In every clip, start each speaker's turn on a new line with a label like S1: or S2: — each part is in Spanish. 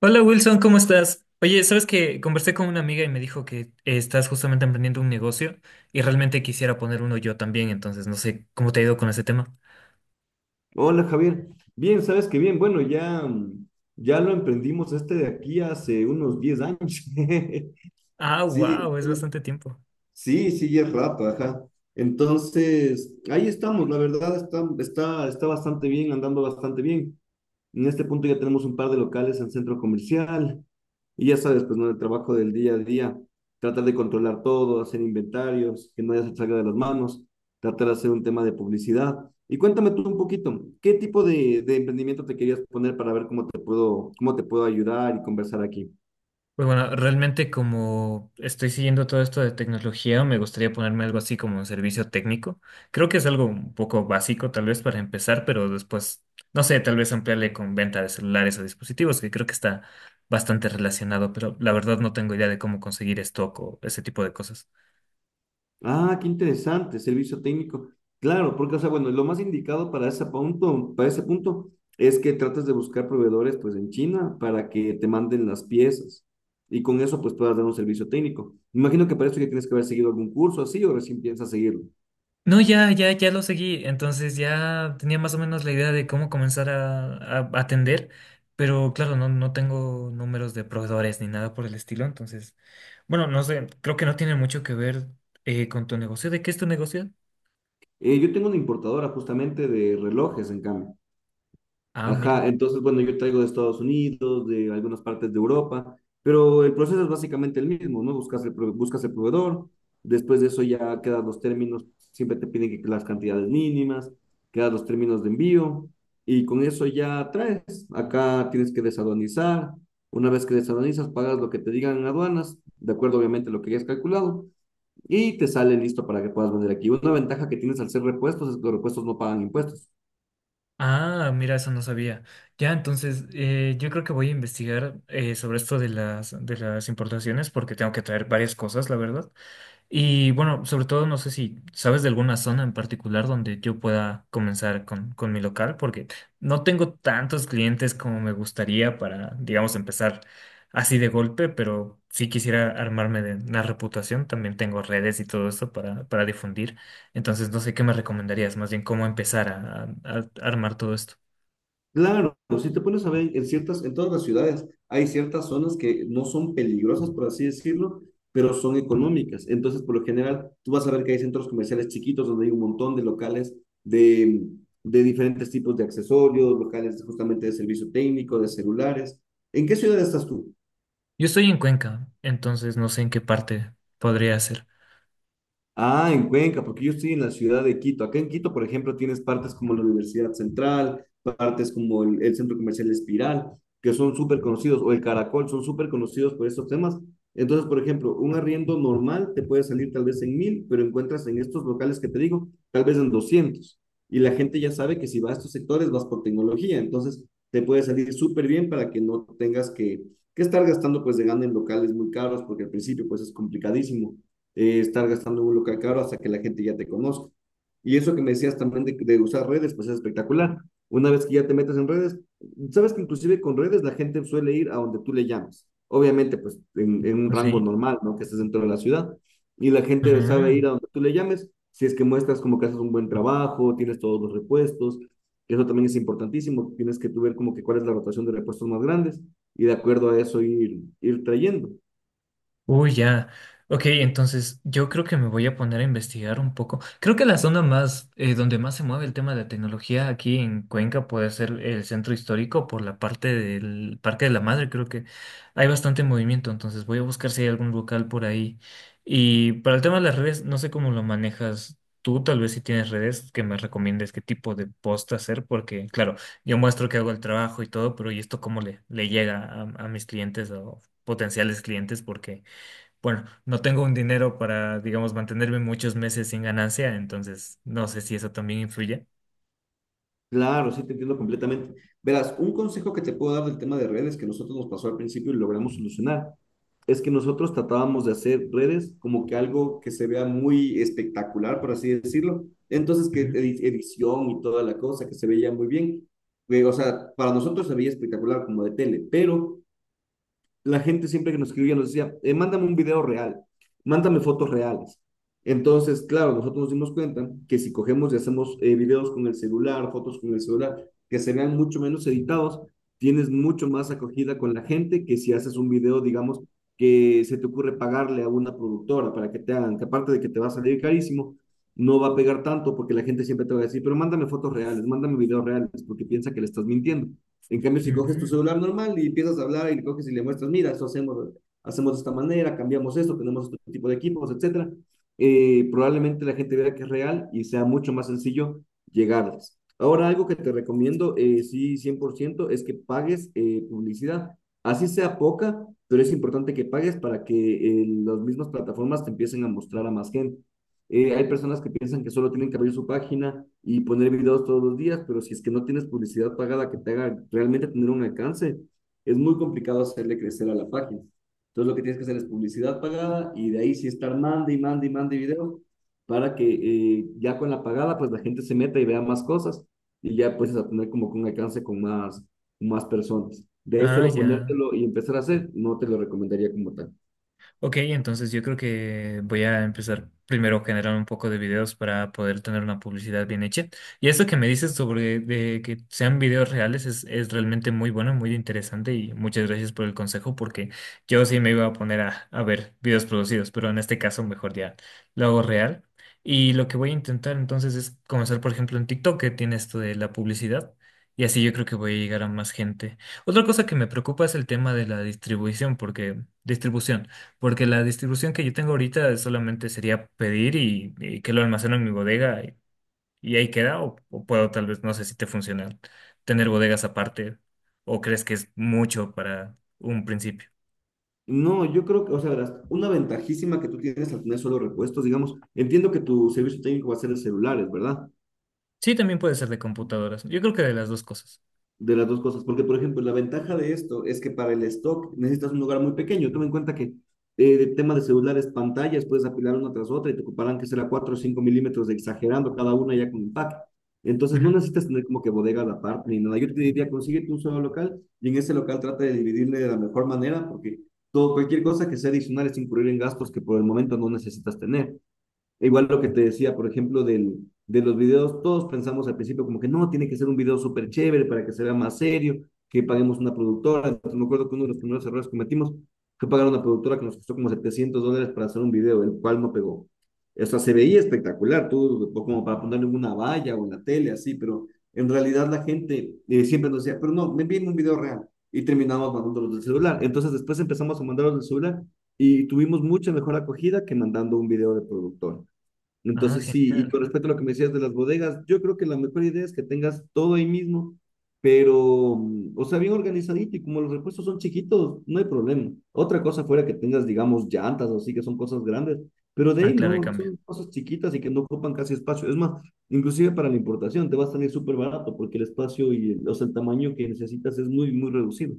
S1: Hola Wilson, ¿cómo estás? Oye, sabes que conversé con una amiga y me dijo que estás justamente emprendiendo un negocio y realmente quisiera poner uno yo también, entonces no sé cómo te ha ido con ese tema.
S2: Hola Javier, bien, sabes que bien, bueno, ya, ya lo emprendimos este de aquí hace unos 10 años.
S1: Ah,
S2: Sí,
S1: wow, es
S2: entonces-
S1: bastante tiempo.
S2: sí, sí, ya es rato, ajá. Entonces, ahí estamos, la verdad está bastante bien, andando bastante bien. En este punto ya tenemos un par de locales en centro comercial, y ya sabes, pues, ¿no? El trabajo del día a día, tratar de controlar todo, hacer inventarios, que no ya se salga de las manos, tratar de hacer un tema de publicidad. Y cuéntame tú un poquito, ¿qué tipo de emprendimiento te querías poner para ver cómo te puedo ayudar y conversar aquí?
S1: Pues bueno, realmente como estoy siguiendo todo esto de tecnología, me gustaría ponerme algo así como un servicio técnico. Creo que es algo un poco básico tal vez para empezar, pero después, no sé, tal vez ampliarle con venta de celulares o dispositivos, que creo que está bastante relacionado, pero la verdad no tengo idea de cómo conseguir stock o ese tipo de cosas.
S2: Ah, qué interesante, servicio técnico. Claro, porque, o sea, bueno, lo más indicado para ese punto, es que trates de buscar proveedores, pues, en China para que te manden las piezas y con eso, pues, puedas dar un servicio técnico. Me imagino que para eso ya tienes que haber seguido algún curso así o recién piensas seguirlo.
S1: No, ya, ya, ya lo seguí. Entonces ya tenía más o menos la idea de cómo comenzar a atender, pero claro, no tengo números de proveedores ni nada por el estilo. Entonces, bueno, no sé, creo que no tiene mucho que ver con tu negocio. ¿De qué es tu negocio?
S2: Yo tengo una importadora justamente de relojes, en cambio.
S1: Ah,
S2: Ajá,
S1: mira.
S2: entonces, bueno, yo traigo de Estados Unidos, de algunas partes de Europa, pero el proceso es básicamente el mismo, ¿no? Buscas el proveedor, después de eso ya quedan los términos, siempre te piden que las cantidades mínimas, quedan los términos de envío, y con eso ya traes. Acá tienes que desaduanizar, una vez que desaduanizas, pagas lo que te digan en aduanas, de acuerdo obviamente a lo que hayas calculado, y te sale listo para que puedas vender aquí. Una ventaja que tienes al ser repuestos es que los repuestos no pagan impuestos.
S1: Ah, mira, eso no sabía. Ya, entonces yo creo que voy a investigar sobre esto de las importaciones porque tengo que traer varias cosas, la verdad. Y bueno, sobre todo no sé si sabes de alguna zona en particular donde yo pueda comenzar con mi local, porque no tengo tantos clientes como me gustaría para, digamos, empezar así de golpe, pero sí quisiera armarme de una reputación. También tengo redes y todo eso para difundir. Entonces, no sé qué me recomendarías, más bien cómo empezar a armar todo esto.
S2: Claro, si te pones a ver en todas las ciudades hay ciertas zonas que no son peligrosas, por así decirlo, pero son económicas. Entonces, por lo general, tú vas a ver que hay centros comerciales chiquitos donde hay un montón de locales de, de diferentes tipos de accesorios, locales justamente de servicio técnico, de celulares. ¿En qué ciudad estás tú?
S1: Yo estoy en Cuenca, entonces no sé en qué parte podría ser.
S2: Ah, en Cuenca, porque yo estoy en la ciudad de Quito. Acá en Quito, por ejemplo, tienes partes como la Universidad Central, partes como el Centro Comercial Espiral, que son súper conocidos, o el Caracol, son súper conocidos por estos temas. Entonces, por ejemplo, un arriendo normal te puede salir tal vez en 1000, pero encuentras en estos locales que te digo, tal vez en 200. Y la gente ya sabe que si vas a estos sectores, vas por tecnología. Entonces, te puede salir súper bien para que no tengas que estar gastando pues de gana en locales muy caros, porque al principio pues es complicadísimo estar gastando en un local caro hasta que la gente ya te conozca. Y eso que me decías también de usar redes, pues es espectacular. Una vez que ya te metes en redes, sabes que inclusive con redes la gente suele ir a donde tú le llamas. Obviamente, pues en un rango
S1: ¿Sí?
S2: normal, ¿no? Que estés dentro de la ciudad. Y la gente sabe ir a donde tú le llames si es que muestras como que haces un buen trabajo, tienes todos los repuestos. Eso también es importantísimo. Tienes que tú ver como que cuál es la rotación de repuestos más grandes y de acuerdo a eso ir trayendo.
S1: Uy, ya. Ok, entonces yo creo que me voy a poner a investigar un poco. Creo que la zona más, donde más se mueve el tema de la tecnología aquí en Cuenca puede ser el centro histórico por la parte del Parque de la Madre. Creo que hay bastante movimiento, entonces voy a buscar si hay algún local por ahí. Y para el tema de las redes, no sé cómo lo manejas tú, tal vez si tienes redes que me recomiendes qué tipo de post hacer, porque claro, yo muestro que hago el trabajo y todo, pero ¿y esto cómo le llega a mis clientes o potenciales clientes? Porque bueno, no tengo un dinero para, digamos, mantenerme muchos meses sin ganancia, entonces no sé si eso también influye.
S2: Claro, sí, te entiendo completamente. Verás, un consejo que te puedo dar del tema de redes que nosotros nos pasó al principio y logramos solucionar, es que nosotros tratábamos de hacer redes como que algo que se vea muy espectacular, por así decirlo. Entonces, que
S1: Ujú,
S2: edición y toda la cosa, que se veía muy bien. O sea, para nosotros se veía espectacular como de tele, pero la gente siempre que nos escribía nos decía, mándame un video real, mándame fotos reales. Entonces, claro, nosotros nos dimos cuenta que si cogemos y hacemos videos con el celular, fotos con el celular, que se vean mucho menos editados, tienes mucho más acogida con la gente que si haces un video, digamos, que se te ocurre pagarle a una productora para que te hagan, que aparte de que te va a salir carísimo, no va a pegar tanto porque la gente siempre te va a decir, pero mándame fotos reales, mándame videos reales, porque piensa que le estás mintiendo. En cambio, si coges tu
S1: ujú.
S2: celular normal y empiezas a hablar y le coges y le muestras, mira, eso hacemos, hacemos de esta manera, cambiamos esto, tenemos otro tipo de equipos, etcétera, probablemente la gente vea que es real y sea mucho más sencillo llegarles. Ahora, algo que te recomiendo, sí, 100% es que pagues publicidad. Así sea poca, pero es importante que pagues para que las mismas plataformas te empiecen a mostrar a más gente. Hay personas que piensan que solo tienen que abrir su página y poner videos todos los días, pero si es que no tienes publicidad pagada que te haga realmente tener un alcance, es muy complicado hacerle crecer a la página. Entonces lo que tienes que hacer es publicidad pagada y de ahí sí estar mande y mande y mande videos para que ya con la pagada pues la gente se meta y vea más cosas y ya puedes tener como que un alcance con más, más personas. De ahí
S1: Ah,
S2: solo
S1: ya.
S2: ponértelo y empezar a hacer, no te lo recomendaría como tal.
S1: Ok, entonces yo creo que voy a empezar primero a generar un poco de videos para poder tener una publicidad bien hecha. Y esto que me dices sobre de que sean videos reales es realmente muy bueno, muy interesante y muchas gracias por el consejo porque yo sí me iba a poner a ver videos producidos, pero en este caso mejor ya lo hago real. Y lo que voy a intentar entonces es comenzar, por ejemplo, en TikTok, que tiene esto de la publicidad. Y así yo creo que voy a llegar a más gente. Otra cosa que me preocupa es el tema de la distribución. Porque la distribución que yo tengo ahorita solamente sería pedir y que lo almaceno en mi bodega y ahí queda, o puedo tal vez, no sé si te funciona, tener bodegas aparte, o crees que es mucho para un principio.
S2: No, yo creo que, o sea, verás, una ventajísima que tú tienes al tener solo repuestos, digamos, entiendo que tu servicio técnico va a ser de celulares, ¿verdad?
S1: Sí, también puede ser de computadoras. Yo creo que de las dos cosas.
S2: De las dos cosas, porque por ejemplo, la ventaja de esto es que para el stock necesitas un lugar muy pequeño. Toma en cuenta que el tema de celulares, pantallas, puedes apilar una tras otra y te ocuparán que será 4 o 5 mm de exagerando cada una ya con empaque. Entonces
S1: Ujú.
S2: no necesitas tener como que bodega aparte ni nada. Yo te diría, consíguete un solo local y en ese local trata de dividirle de la mejor manera porque todo, cualquier cosa que sea adicional es incurrir en gastos que por el momento no necesitas tener. E igual lo que te decía, por ejemplo, de los videos, todos pensamos al principio como que no, tiene que ser un video súper chévere para que se vea más serio, que paguemos una productora. Entonces, me acuerdo que uno de los primeros errores que cometimos fue pagar a una productora que nos costó como $700 para hacer un video, el cual no pegó. O sea, se veía espectacular, tú, como para ponerle una valla o en la tele, así, pero en realidad la gente siempre nos decía, pero no, me envíen un video real. Y terminamos mandándolos del celular. Entonces, después empezamos a mandarlos del celular y tuvimos mucha mejor acogida que mandando un video de productor.
S1: Ah,
S2: Entonces, sí, y
S1: genial.
S2: con respecto a lo que me decías de las bodegas, yo creo que la mejor idea es que tengas todo ahí mismo, pero, o sea, bien organizadito y como los repuestos son chiquitos, no hay problema. Otra cosa fuera que tengas, digamos, llantas o así, que son cosas grandes, pero de
S1: Ah,
S2: ahí
S1: claro, hay
S2: no,
S1: cambio.
S2: son cosas chiquitas y que no ocupan casi espacio. Es más, inclusive para la importación te va a salir súper barato porque el espacio y o sea, el tamaño que necesitas es muy, muy reducido.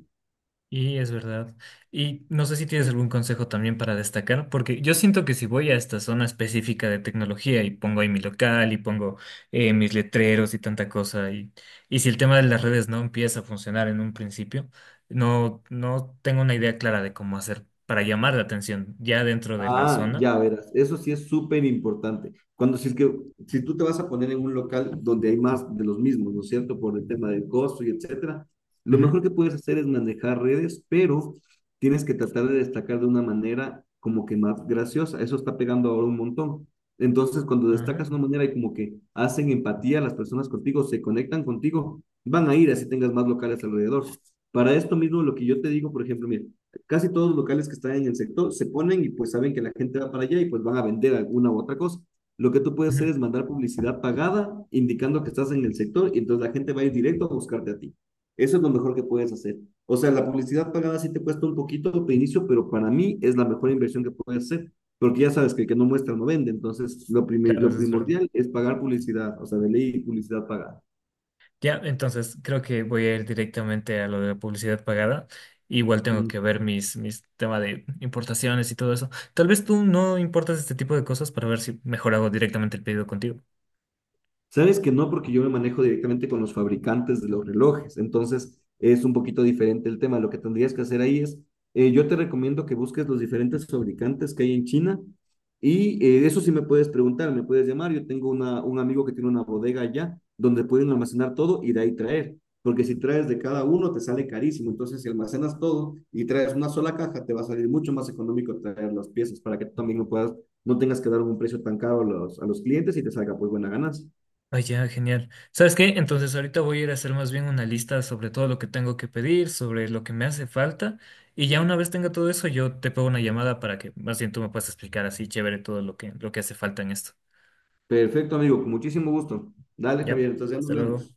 S1: Y es verdad. Y no sé si tienes algún consejo también para destacar, porque yo siento que si voy a esta zona específica de tecnología y pongo ahí mi local y pongo mis letreros y tanta cosa, y si el tema de las redes no empieza a funcionar en un principio, no tengo una idea clara de cómo hacer para llamar la atención ya dentro de la
S2: Ah,
S1: zona.
S2: ya verás, eso sí es súper importante. Cuando si es que si tú te vas a poner en un local donde hay más de los mismos, ¿no es cierto? Por el tema del costo y etcétera, lo
S1: Ujú.
S2: mejor que puedes hacer es manejar redes, pero tienes que tratar de destacar de una manera como que más graciosa. Eso está pegando ahora un montón. Entonces, cuando
S1: Ah,
S2: destacas de una manera y como que hacen empatía las personas contigo, se conectan contigo, van a ir así tengas más locales alrededor. Para esto mismo, lo que yo te digo, por ejemplo, mira, casi todos los locales que están en el sector se ponen y pues saben que la gente va para allá y pues van a vender alguna u otra cosa. Lo que tú puedes hacer
S1: ujú.
S2: es mandar publicidad pagada indicando que estás en el sector y entonces la gente va a ir directo a buscarte a ti. Eso es lo mejor que puedes hacer. O sea, la publicidad pagada sí te cuesta un poquito de inicio, pero para mí es la mejor inversión que puedes hacer, porque ya sabes que el que no muestra no vende. Entonces,
S1: Claro,
S2: lo
S1: eso es verdad.
S2: primordial es pagar publicidad, o sea, de ley publicidad pagada.
S1: Ya, entonces creo que voy a ir directamente a lo de la publicidad pagada. Igual tengo
S2: Mm.
S1: que ver mis temas de importaciones y todo eso. Tal vez tú no importas este tipo de cosas para ver si mejor hago directamente el pedido contigo.
S2: Sabes que no, porque yo me manejo directamente con los fabricantes de los relojes, entonces es un poquito diferente el tema. Lo que tendrías que hacer ahí es, yo te recomiendo que busques los diferentes fabricantes que hay en China y eso sí me puedes preguntar, me puedes llamar. Yo tengo un amigo que tiene una bodega allá donde pueden almacenar todo y de ahí traer, porque si traes de cada uno te sale carísimo. Entonces, si almacenas todo y traes una sola caja, te va a salir mucho más económico traer las piezas para que tú también no puedas, no tengas que dar un precio tan caro a los clientes y te salga pues buena ganancia.
S1: Ah, ya, genial. ¿Sabes qué? Entonces ahorita voy a ir a hacer más bien una lista sobre todo lo que tengo que pedir, sobre lo que me hace falta. Y ya una vez tenga todo eso, yo te pego una llamada para que más bien tú me puedas explicar así chévere todo lo que hace falta en esto.
S2: Perfecto, amigo, con muchísimo gusto. Dale,
S1: Ya,
S2: Javier, entonces ya nos
S1: hasta luego.
S2: vemos.